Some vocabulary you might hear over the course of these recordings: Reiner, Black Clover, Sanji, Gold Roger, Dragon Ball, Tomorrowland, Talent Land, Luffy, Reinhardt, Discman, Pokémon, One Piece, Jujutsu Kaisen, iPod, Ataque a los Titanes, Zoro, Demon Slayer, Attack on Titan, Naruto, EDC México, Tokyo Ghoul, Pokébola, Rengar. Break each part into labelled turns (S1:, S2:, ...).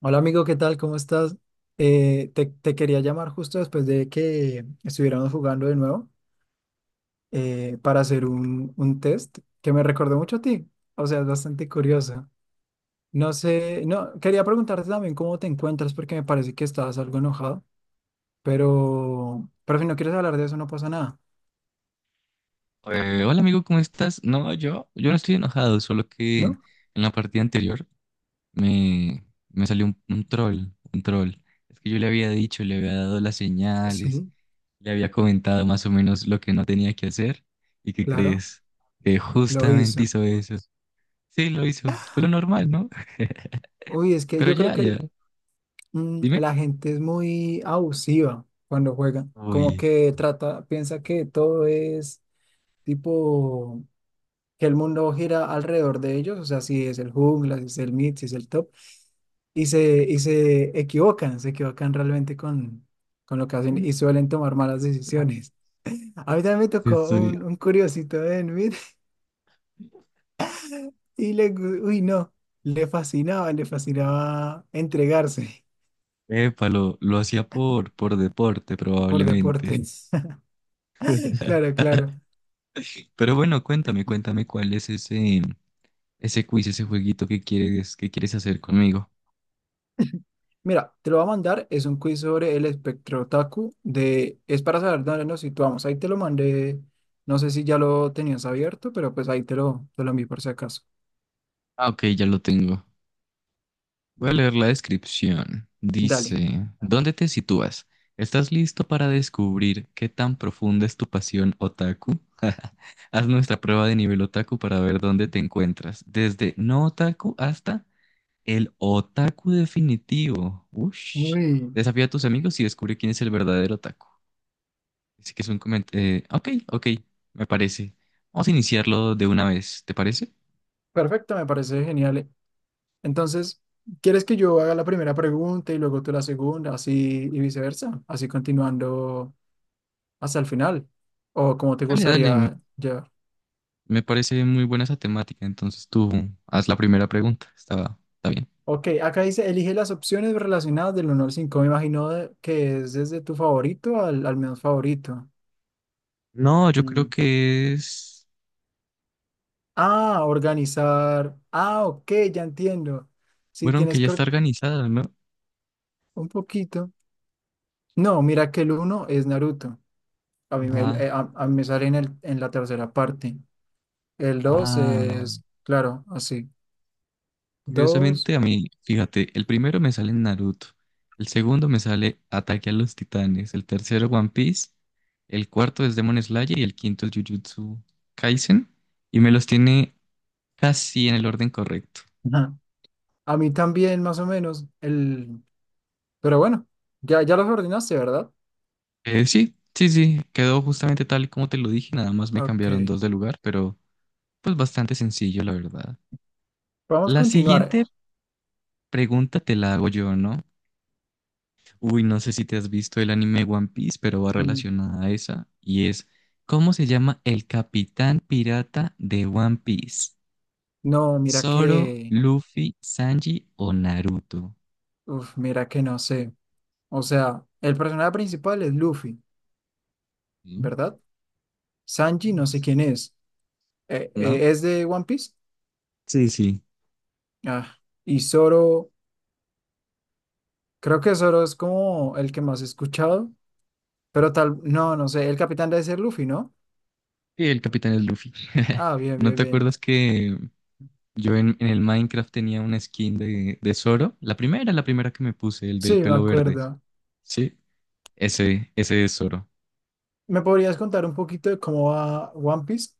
S1: Hola amigo, ¿qué tal? ¿Cómo estás? Te quería llamar justo después de que estuviéramos jugando de nuevo, para hacer un test que me recordó mucho a ti. O sea, es bastante curioso. No sé, no, quería preguntarte también cómo te encuentras porque me parece que estabas algo enojado, pero si no quieres hablar de eso no pasa nada,
S2: Hola amigo, ¿cómo estás? No, yo no estoy enojado, solo que
S1: ¿no?
S2: en la partida anterior me, me salió un troll, un troll. Es que yo le había dicho, le había dado las señales,
S1: Sí,
S2: le había comentado más o menos lo que no tenía que hacer. ¿Y qué
S1: claro,
S2: crees? Que
S1: lo
S2: justamente
S1: hizo.
S2: hizo eso. Sí, lo hizo, pero normal, ¿no?
S1: Uy, es que
S2: Pero
S1: yo creo
S2: ya, ya,
S1: que
S2: dime.
S1: la gente es muy abusiva cuando juega, como
S2: Uy,
S1: que trata, piensa que todo es tipo que el mundo gira alrededor de ellos, o sea, si es el jungla, si es el mid, si es el top, y se equivocan, se equivocan realmente con lo que hacen y suelen tomar malas decisiones. A mí también me tocó
S2: estoy...
S1: un curiosito en mid y le, gu- uy, no, le fascinaba entregarse
S2: Epa, lo hacía por deporte
S1: por
S2: probablemente.
S1: deportes. Claro, claro.
S2: Pero bueno, cuéntame, cuéntame cuál es ese quiz, ese jueguito que quieres hacer conmigo.
S1: Mira, te lo voy a mandar, es un quiz sobre el espectro otaku de, es para saber dónde nos situamos. Ahí te lo mandé, no sé si ya lo tenías abierto, pero pues ahí te lo envié por si acaso.
S2: Ah, ok, ya lo tengo. Voy a leer la descripción.
S1: Dale.
S2: Dice, ¿dónde te sitúas? ¿Estás listo para descubrir qué tan profunda es tu pasión otaku? Haz nuestra prueba de nivel otaku para ver dónde te encuentras, desde no otaku hasta el otaku definitivo. Ush.
S1: Uy,
S2: Desafía a tus amigos y descubre quién es el verdadero otaku. Así que es un comentario. Ok, ok, me parece. Vamos a iniciarlo de una vez, ¿te parece?
S1: perfecto, me parece genial. Entonces, ¿quieres que yo haga la primera pregunta y luego tú la segunda, así y viceversa? Así continuando hasta el final. ¿O como te
S2: Dale, dale,
S1: gustaría ya?
S2: me parece muy buena esa temática. Entonces tú haz la primera pregunta. Está, está bien.
S1: Ok, acá dice, elige las opciones relacionadas del uno al 5. Me imagino que es desde tu favorito al, al menos favorito.
S2: No, yo creo
S1: Mm.
S2: que es.
S1: Ah, organizar. Ah, ok, ya entiendo. Si
S2: Bueno, aunque
S1: tienes
S2: ya
S1: que
S2: está
S1: or-
S2: organizada, ¿no?
S1: un poquito. No, mira que el uno es Naruto. A mí,
S2: Ah,
S1: a mí me sale en, el, en la tercera parte. El dos
S2: ah,
S1: es, claro, así. Dos.
S2: curiosamente a mí, fíjate, el primero me sale Naruto. El segundo me sale Ataque a los Titanes. El tercero, One Piece. El cuarto es Demon Slayer y el quinto es Jujutsu Kaisen. Y me los tiene casi en el orden correcto.
S1: Ajá. A mí también, más o menos. El... Pero bueno, ya, ya los ordenaste, ¿verdad?
S2: Sí, sí, sí, quedó justamente tal y como te lo dije, nada más me
S1: Ok,
S2: cambiaron dos de lugar, pero pues bastante sencillo, la verdad.
S1: vamos a
S2: La
S1: continuar.
S2: siguiente pregunta te la hago yo, ¿no? Uy, no sé si te has visto el anime One Piece, pero va
S1: Mm.
S2: relacionada a esa, y es, ¿cómo se llama el capitán pirata de One Piece?
S1: No, mira
S2: ¿Zoro,
S1: que,
S2: Luffy, Sanji o Naruto?
S1: uf, mira que no sé. O sea, el personaje principal es Luffy,
S2: ¿Mm?
S1: ¿verdad? Sanji no sé quién es.
S2: ¿No?
S1: ¿Es de One Piece?
S2: Sí, sí.
S1: Ah, y Zoro, creo que Zoro es como el que más he escuchado, pero tal, no, no sé, el capitán debe ser Luffy, ¿no?
S2: Sí, el capitán es Luffy.
S1: Ah, bien,
S2: ¿No
S1: bien,
S2: te
S1: bien.
S2: acuerdas que yo en el Minecraft tenía una skin de Zoro, la primera que me puse, el del
S1: Sí, me
S2: pelo verde?
S1: acuerdo.
S2: Sí, ese es Zoro.
S1: ¿Me podrías contar un poquito de cómo va One Piece?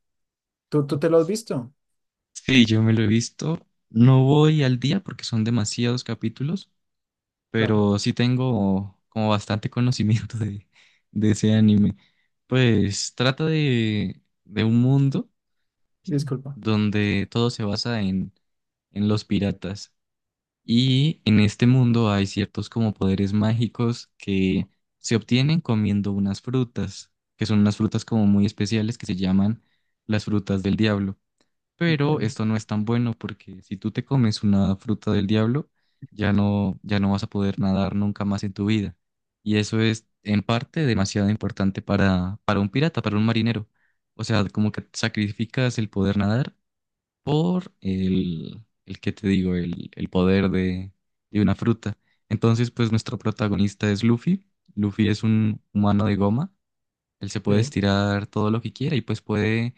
S1: ¿Tú
S2: Ok.
S1: te lo has visto?
S2: Sí, yo me lo he visto. No voy al día porque son demasiados capítulos,
S1: Claro,
S2: pero sí tengo como bastante conocimiento de ese anime. Pues trata de un mundo
S1: disculpa.
S2: donde todo se basa en los piratas. Y en este mundo hay ciertos como poderes mágicos que se obtienen comiendo unas frutas, que son unas frutas como muy especiales que se llaman las frutas del diablo.
S1: Ok.
S2: Pero esto no es tan bueno porque si tú te comes una fruta del diablo, ya no, ya no vas a poder nadar nunca más en tu vida. Y eso es en parte demasiado importante para un pirata, para un marinero. O sea, como que sacrificas el poder nadar por el que te digo, el poder de una fruta. Entonces, pues nuestro protagonista es Luffy. Luffy es un humano de goma. Él se puede
S1: Sí.
S2: estirar todo lo que quiera y pues puede,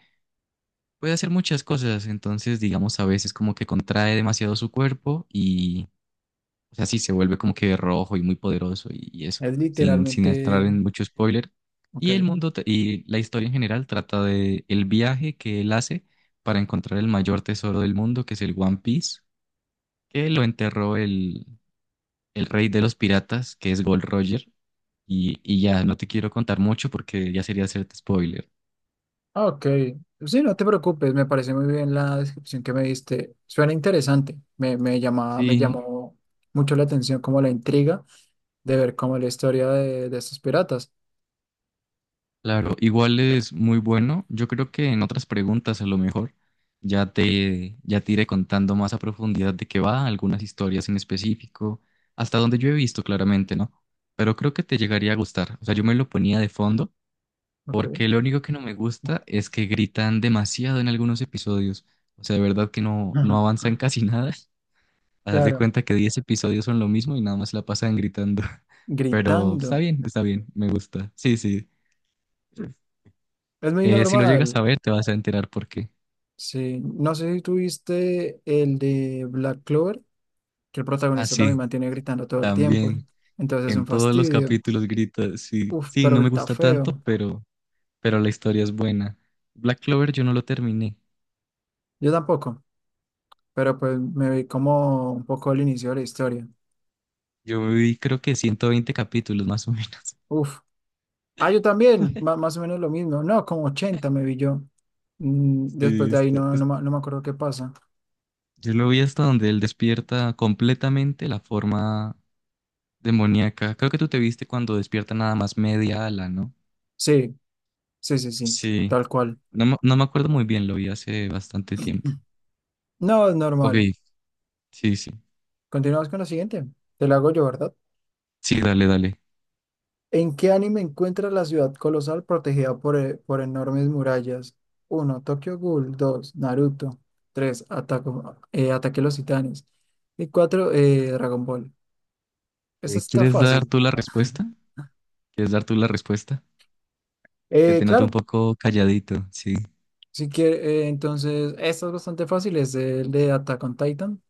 S2: puede hacer muchas cosas. Entonces, digamos, a veces como que contrae demasiado su cuerpo y, o sea, sí, se vuelve como que rojo y muy poderoso y eso,
S1: Es
S2: sin, sin entrar
S1: literalmente,
S2: en mucho spoiler. Y
S1: ok.
S2: y la historia en general trata de el viaje que él hace para encontrar el mayor tesoro del mundo, que es el One Piece, que lo enterró el rey de los piratas, que es Gold Roger. Y ya, no te quiero contar mucho porque ya sería hacerte spoiler.
S1: Ah, ok, sí, no te preocupes, me parece muy bien la descripción que me diste. Suena interesante, me llama, me
S2: Sí,
S1: llamó mucho la atención como la intriga de ver cómo la historia de estos piratas.
S2: claro, igual es muy bueno. Yo creo que en otras preguntas a lo mejor ya te iré contando más a profundidad de qué va, algunas historias en específico, hasta donde yo he visto claramente, ¿no? Pero creo que te llegaría a gustar. O sea, yo me lo ponía de fondo
S1: Ok,
S2: porque lo único que no me gusta es que gritan demasiado en algunos episodios. O sea, de verdad que no, no
S1: ajá,
S2: avanzan casi nada. Haz de
S1: claro,
S2: cuenta que 10 episodios son lo mismo y nada más la pasan gritando. Pero
S1: gritando.
S2: está bien, me gusta. Sí, sí.
S1: Es muy
S2: Si lo llegas
S1: normal,
S2: a ver, te vas a enterar por qué.
S1: sí. No sé si tuviste el de Black Clover, que el
S2: Ah,
S1: protagonista también
S2: sí,
S1: mantiene gritando todo el tiempo,
S2: también.
S1: entonces es
S2: En
S1: un
S2: todos los
S1: fastidio.
S2: capítulos grita, sí,
S1: Uf,
S2: sí,
S1: pero
S2: no me
S1: grita
S2: gusta tanto,
S1: feo.
S2: pero la historia es buena. Black Clover yo no lo terminé.
S1: Yo tampoco, pero pues me vi como un poco el inicio de la historia.
S2: Yo me vi creo que 120 capítulos más o menos.
S1: Uf, ah, yo también, más o menos lo mismo. No, como 80 me vi yo. Mm, después
S2: Sí,
S1: de ahí
S2: está-
S1: no,
S2: es-
S1: no, no me acuerdo qué pasa.
S2: yo lo vi hasta donde él despierta completamente la forma demoníaca. Creo que tú te viste cuando despierta nada más media ala, ¿no?
S1: Sí, sí, sí, sí,
S2: Sí,
S1: tal cual.
S2: no me acuerdo muy bien, lo vi hace bastante tiempo.
S1: No, es
S2: Ok,
S1: normal.
S2: sí, sí.
S1: Continuamos con la siguiente. Te la hago yo, ¿verdad?
S2: Sí, dale, dale.
S1: ¿En qué anime encuentras la ciudad colosal protegida por enormes murallas? Uno, Tokyo Ghoul. 2, Naruto. 3, Ataque a los Titanes. Y 4. Dragon Ball. Esa está
S2: ¿Quieres dar
S1: fácil.
S2: tú la respuesta? ¿Quieres dar tú la respuesta? Que te noto un
S1: Claro,
S2: poco calladito, sí.
S1: si quiere, entonces, esta es bastante fácil, es el de Attack on Titan.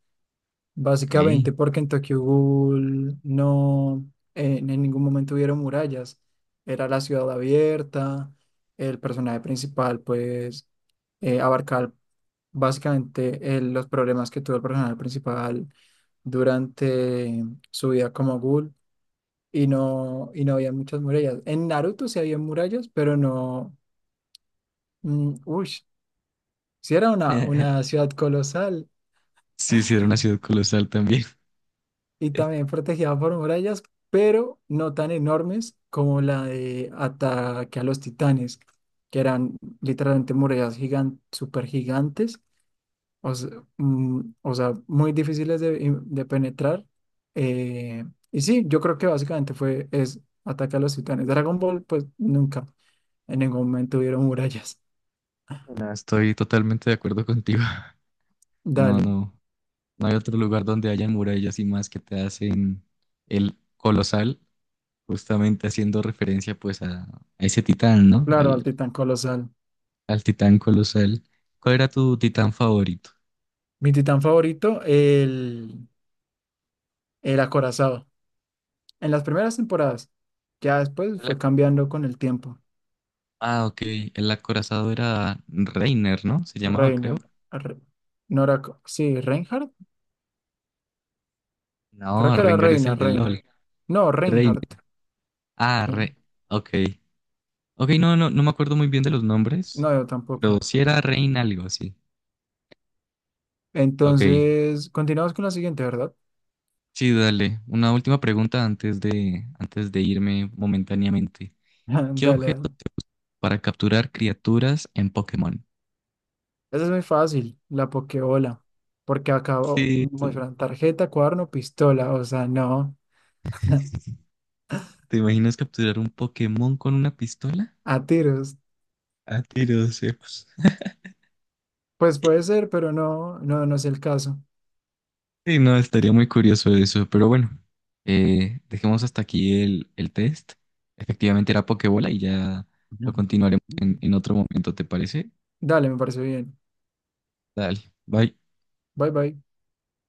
S2: Ok.
S1: Básicamente porque en Tokyo Ghoul no, en ningún momento hubieron murallas. Era la ciudad abierta, el personaje principal pues abarcaba básicamente los problemas que tuvo el personaje principal durante su vida como ghoul y no había muchas murallas. En Naruto sí había murallas, pero no... mm, si era una ciudad colosal
S2: Sí, sí, era una ciudad colosal también.
S1: y también protegida por murallas, pero no tan enormes como la de Ataque a los Titanes, que eran literalmente murallas gigan súper gigantes, o sea, o sea, muy difíciles de penetrar. Eh, y sí, yo creo que básicamente fue es Ataque a los Titanes. Dragon Ball, pues nunca, en ningún momento hubieron murallas.
S2: No, estoy totalmente de acuerdo contigo. No,
S1: Dale,
S2: no. No hay otro lugar donde hayan murallas y más que te hacen el colosal, justamente haciendo referencia pues a ese titán, ¿no?
S1: claro, al
S2: Al,
S1: titán colosal.
S2: al titán colosal. ¿Cuál era tu titán favorito?
S1: Mi titán favorito, el... El acorazado. En las primeras temporadas. Ya después
S2: El
S1: fue
S2: ac-
S1: cambiando con el tiempo.
S2: ah, ok. El acorazado era Reiner, ¿no? Se llamaba, creo.
S1: Reiner. Re- no era co- sí, Reinhardt. Creo
S2: No,
S1: que era
S2: Rengar es
S1: Reina,
S2: el de
S1: Reina.
S2: LOL.
S1: No,
S2: Rein.
S1: Reinhardt.
S2: Ah,
S1: Sí.
S2: Re. Ok. Ok, no, no, no me acuerdo muy bien de los nombres.
S1: No, yo
S2: Pero
S1: tampoco.
S2: si era Rein algo, sí. Ok.
S1: Entonces, continuamos con la siguiente, ¿verdad?
S2: Sí, dale. Una última pregunta antes de irme momentáneamente.
S1: Dale,
S2: ¿Qué objeto
S1: dale.
S2: se usa para capturar criaturas en Pokémon?
S1: Esa es muy fácil, la Pokébola. Porque acabó
S2: Sí,
S1: muestran tarjeta, cuaderno, pistola. O sea, no.
S2: ¿te imaginas capturar un Pokémon con una pistola?
S1: A tiros.
S2: A tiros, sí.
S1: Pues puede ser, pero no, no, no es el caso.
S2: Sí, no, estaría muy curioso eso, pero bueno, dejemos hasta aquí el test. Efectivamente era Pokébola y ya lo continuaremos en otro momento, ¿te parece?
S1: Dale, me parece bien.
S2: Dale, bye.
S1: Bye bye.